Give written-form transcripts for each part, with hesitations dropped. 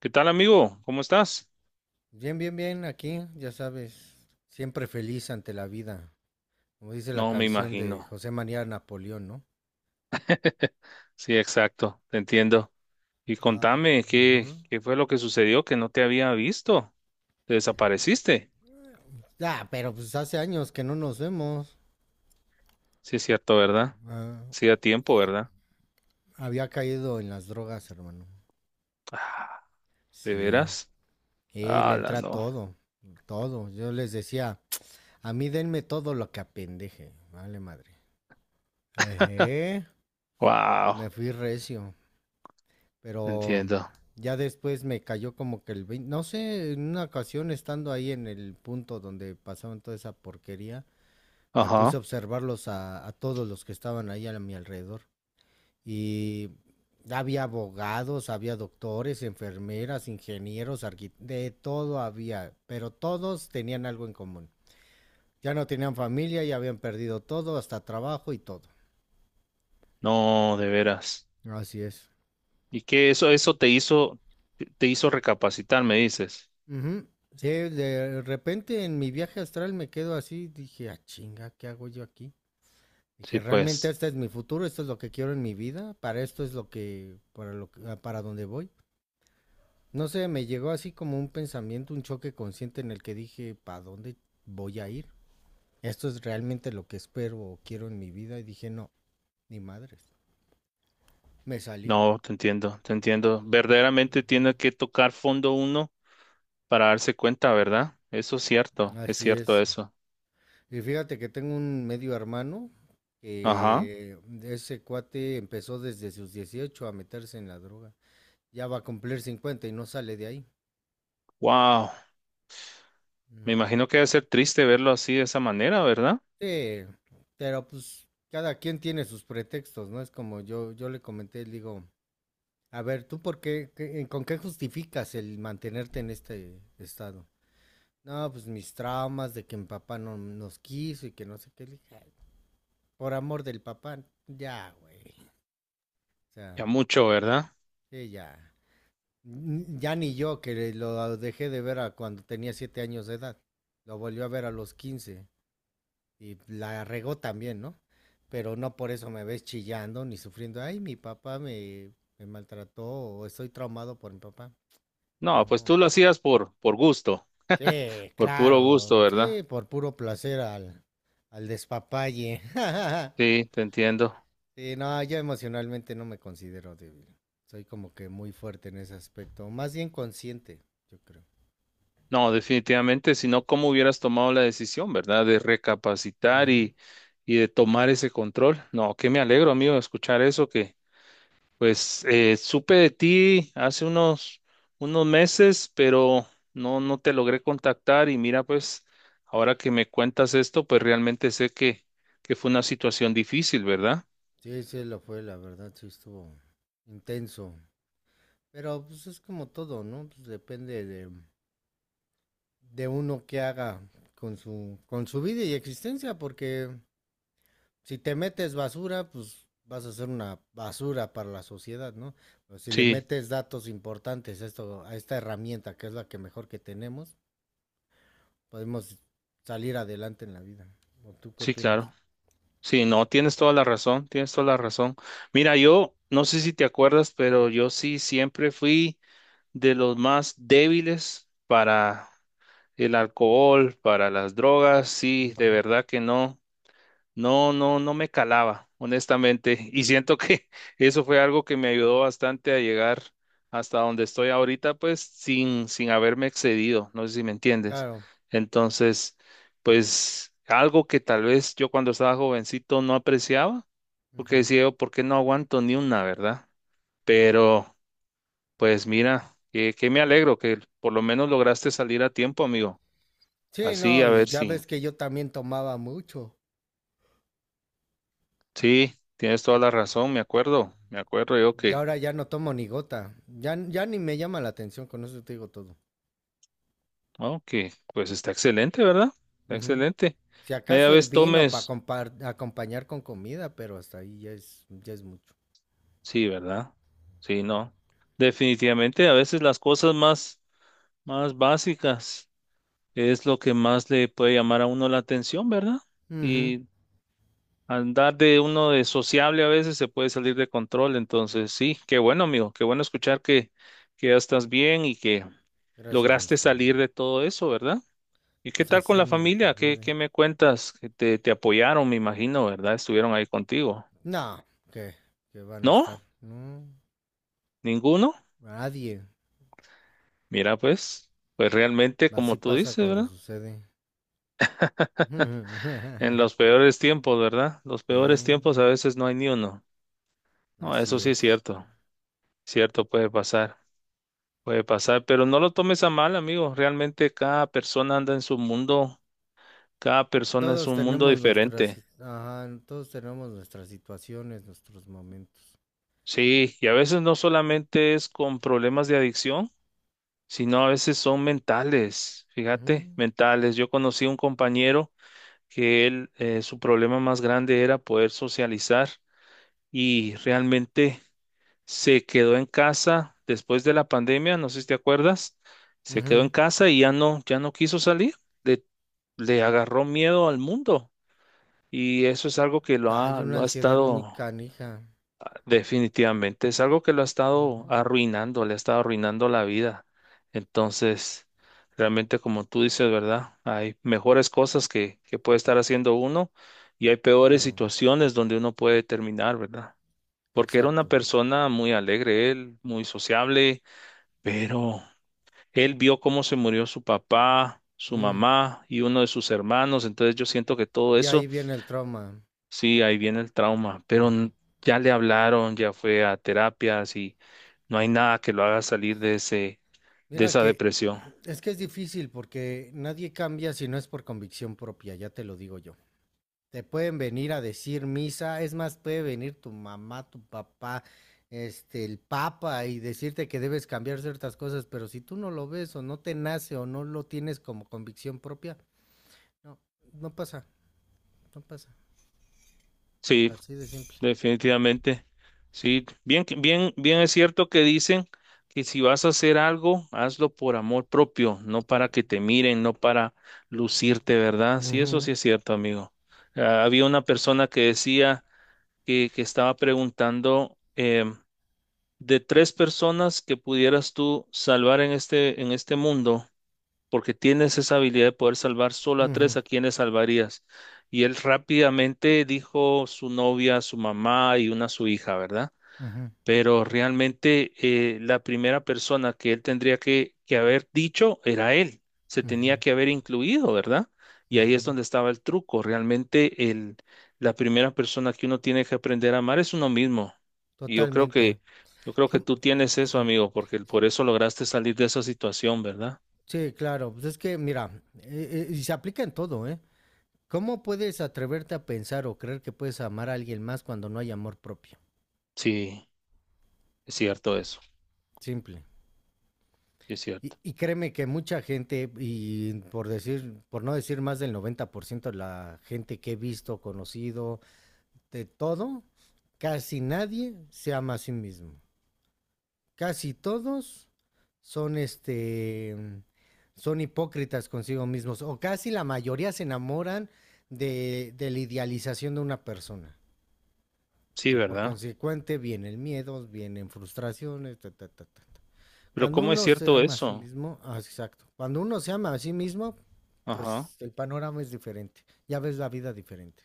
¿Qué tal, amigo? ¿Cómo estás? Bien, bien, bien, aquí, ya sabes, siempre feliz ante la vida, como dice la No, me canción de imagino. José María Napoleón, ¿no? Sí, exacto, te entiendo. Y Ah. contame, ¿qué, Ujú. qué fue lo que sucedió que no te había visto? ¿Te desapareciste? Ya, pero pues hace años que no nos vemos. Sí, es cierto, ¿verdad? Ah, Sí, a tiempo, ¿verdad? había caído en las drogas, hermano. Ah, ¿de Sí. veras? Y le Ah, entra no. todo, todo. Yo les decía, a mí denme todo lo que apendeje, vale madre. Ejé, me Wow, fui recio. te Pero entiendo. ya después me cayó como que el 20, no sé, en una ocasión estando ahí en el punto donde pasaban toda esa porquería, me puse Ajá. a observarlos a todos los que estaban ahí a mi alrededor. Y había abogados, había doctores, enfermeras, ingenieros, arqui- de todo había, pero todos tenían algo en común. Ya no tenían familia, ya habían perdido todo, hasta trabajo y todo. No, de veras. Así es. ¿Y eso te hizo recapacitar, me dices? Ujú. Sí, de repente en mi viaje astral me quedo así, dije, ah, chinga, ¿qué hago yo aquí? Dije, Sí, realmente pues. este es mi futuro, esto es lo que quiero en mi vida, para esto es lo que, para lo que- ah, para donde voy. No sé, me llegó así como un pensamiento, un choque consciente en el que dije, ¿para dónde voy a ir? Esto es realmente lo que espero o quiero en mi vida. Y dije, no, ni madres. Me salí. No, te entiendo, te entiendo. Verdaderamente tiene que tocar fondo uno para darse cuenta, ¿verdad? Eso es Así cierto es. eso. Y fíjate que tengo un medio hermano Ajá. que ese cuate empezó desde sus 18 a meterse en la droga. Ya va a cumplir 50 y no sale de ahí. Wow. Me Ujú. imagino que debe ser triste verlo así de esa manera, ¿verdad? Sí, pero pues cada quien tiene sus pretextos, ¿no? Es como yo le comenté, le digo, a ver, ¿tú por qué, qué- con qué justificas el mantenerte en este estado? No, pues mis traumas de que mi papá no nos quiso y que no sé qué. Le dije, "Ay, por amor del papá, ya, güey. O sea, Ya mucho, ¿verdad? sí, ya. N- Ya ni yo, que lo dejé de ver a cuando tenía 7 años de edad. Lo volvió a ver a los 15 y la regó también, ¿no? Pero no por eso me ves chillando ni sufriendo. Ay, mi papá me, me maltrató o estoy traumado por mi papá. No, pues tú No. lo hacías por gusto, Sí, por puro gusto, claro. ¿verdad? Sí, por puro placer al, al despapalle. Sí, te entiendo. Sí, no, yo emocionalmente no me considero débil. Soy como que muy fuerte en ese aspecto. Más bien consciente, yo creo. No, definitivamente, si no, ¿cómo hubieras tomado la decisión, ¿verdad? De recapacitar Ujú. Y de tomar ese control. No, que me alegro, amigo, de escuchar eso. Pues supe de ti hace unos, unos meses, pero no, no te logré contactar y mira, pues ahora que me cuentas esto, pues realmente sé que fue una situación difícil, ¿verdad? Sí, sí, lo fue, la verdad, sí estuvo intenso. Pero pues es como todo, ¿no? Pues depende de uno qué haga con su vida y existencia, porque si te metes basura, pues vas a ser una basura para la sociedad, ¿no? Pero si le Sí, metes datos importantes a, esto, a esta herramienta, que es la que mejor que tenemos, podemos salir adelante en la vida. ¿O tú qué sí, opinas? claro. Sí, no, tienes toda la razón, tienes toda la razón. Mira, yo no sé si te acuerdas, pero yo sí siempre fui de los más débiles para el alcohol, para las drogas, sí, de Ujú. verdad que no. No, no, no me calaba, honestamente. Y siento que eso fue algo que me ayudó bastante a llegar hasta donde estoy ahorita, pues sin, sin haberme excedido. No sé si me entiendes. Claro. Entonces, pues algo que tal vez yo cuando estaba jovencito no apreciaba, porque Ujú. decía yo, ¿por qué no aguanto ni una, verdad? Pero, pues mira, que me alegro que por lo menos lograste salir a tiempo, amigo. Sí, Así, no, a y ver ya si. ves que yo también tomaba mucho. Sí, tienes toda la razón, me acuerdo. Me acuerdo yo Ya que ahora ya no tomo ni gota. Ya, ya ni me llama la atención, con eso te digo todo. ok, pues está excelente, ¿verdad? Está Ujú. excelente. Si Media acaso el vez vino para tomes, acompañar con comida, pero hasta ahí ya es mucho. sí, ¿verdad? Sí, no. Definitivamente, a veces las cosas más, más básicas es lo que más le puede llamar a uno la atención, ¿verdad? Ujú. Y andar de uno de sociable a veces se puede salir de control. Entonces, sí, qué bueno, amigo, qué bueno escuchar que ya estás bien y que Gracias, mi lograste estimado. salir de todo eso, ¿verdad? ¿Y qué Pues tal con la hacemos lo que familia? ¿Qué, qué puede. me cuentas? Que te apoyaron, me imagino, ¿verdad? Estuvieron ahí contigo. No, que, que van a ¿No? estar. No, ¿Ninguno? nadie. Mira, pues, pues realmente, Así como tú pasa dices, cuando ¿verdad? sucede. En los peores tiempos, ¿verdad? Los peores Sí, tiempos a veces no hay ni uno. No, así eso sí es es. cierto. Cierto, puede pasar. Puede pasar, pero no lo tomes a mal, amigo. Realmente cada persona anda en su mundo. Cada persona es Todos un mundo tenemos diferente. nuestras, ajá, todos tenemos nuestras situaciones, nuestros momentos. Sí, y a veces no solamente es con problemas de adicción, sino a veces son mentales, Ujú. fíjate, mentales. Yo conocí a un compañero que él, su problema más grande era poder socializar y realmente se quedó en casa después de la pandemia, no sé si te acuerdas, se quedó Ujú. en casa y ya no, ya no quiso salir, le, le agarró miedo al mundo y eso es algo que Hay una lo ha ansiedad muy estado. canija. Definitivamente, es algo que lo ha Ujú. estado arruinando, le ha estado arruinando la vida. Entonces, realmente como tú dices, ¿verdad? Hay mejores cosas que puede estar haciendo uno y hay peores Claro, situaciones donde uno puede terminar, ¿verdad? Porque era una exacto. persona muy alegre, él, muy sociable, pero él vio cómo se murió su papá, su Mm, mamá y uno de sus hermanos. Entonces yo siento que todo de ahí eso. viene el trauma. Sí, ahí viene el trauma, pero Ujú. n- ya le hablaron, ya fue a terapias y no hay nada que lo haga salir de ese, de Mira esa depresión. Que es difícil porque nadie cambia si no es por convicción propia, ya te lo digo yo. Te pueden venir a decir misa, es más, puede venir tu mamá, tu papá, este, el papa y decirte que debes cambiar ciertas cosas, pero si tú no lo ves o no te nace o no lo tienes como convicción propia, no, no pasa, no pasa. Sí, Así de simple. definitivamente. Sí, bien, que- bien, bien es cierto que dicen que si vas a hacer algo, hazlo por amor propio, no para que te miren, no para lucirte, ¿verdad? Sí, eso sí Ujú, es cierto, amigo. Ah, había una persona que decía que estaba preguntando, de tres personas que pudieras tú salvar en este mundo, porque tienes esa habilidad de poder salvar solo a ujú, tres, ¿a quienes salvarías? Y él rápidamente dijo su novia, su mamá y una su hija, ¿verdad? ujú, Pero realmente la primera persona que él tendría que haber dicho era él, se tenía ujú, que haber incluido, ¿verdad? Y ahí es ujú. donde estaba el truco, realmente el, la primera persona que uno tiene que aprender a amar es uno mismo. Y Totalmente. Yo creo que Com- tú tienes eso, amigo, porque por eso lograste salir de esa situación, ¿verdad? Sí, claro. Pues es que, mira, y se aplica en todo, ¿eh? ¿Cómo puedes atreverte a pensar o creer que puedes amar a alguien más cuando no hay amor propio? Sí, es cierto eso, Simple. es Y, cierto. y créeme que mucha gente, y por decir, por no decir más del 90% de la gente que he visto, conocido, de todo, casi nadie se ama a sí mismo. Casi todos son este son hipócritas consigo mismos o casi la mayoría se enamoran de la idealización de una persona Sí, y por ¿verdad? consecuente vienen miedos, vienen frustraciones, ta, ta, ta, ta, ta. Pero Cuando ¿cómo es uno se cierto ama a sí eso? mismo, ah, exacto, cuando uno se ama a sí mismo, Ajá, es, el panorama es diferente, ya ves la vida diferente.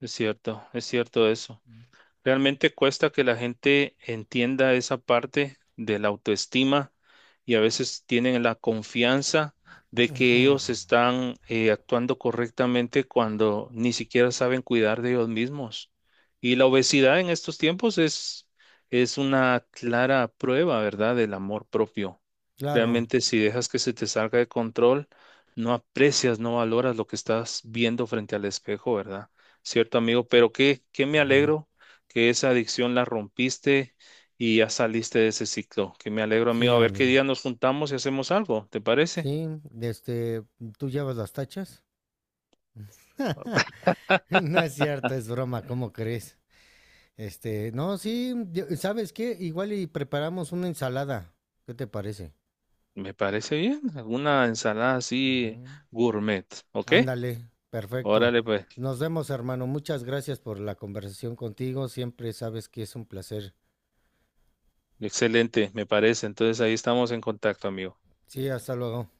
es cierto eso. Realmente cuesta que la gente entienda esa parte de la autoestima y a veces tienen la confianza de que Ujú, ellos están actuando correctamente cuando ni siquiera saben cuidar de ellos mismos. Y la obesidad en estos tiempos es una clara prueba, ¿verdad?, del amor propio. claro, Realmente si dejas que se te salga de control, no aprecias, no valoras lo que estás viendo frente al espejo, ¿verdad? Cierto, amigo, pero qué, qué me ujú. alegro que esa adicción la rompiste y ya saliste de ese ciclo. Que me alegro, Sí, amigo. A ver qué amigo. día nos juntamos y hacemos algo, ¿te parece? Sí, este, ¿tú llevas las tachas? No es cierto, es broma, ¿cómo crees? No, sí, yo- ¿sabes qué? Igual y preparamos una ensalada. ¿Qué te parece? Me parece bien. Alguna ensalada así Ujú. gourmet, ¿ok? Ándale, perfecto. Órale, pues. Nos vemos, hermano. Muchas gracias por la conversación contigo. Siempre sabes que es un placer. Excelente, me parece. Entonces ahí estamos en contacto, amigo. Sí, hasta luego.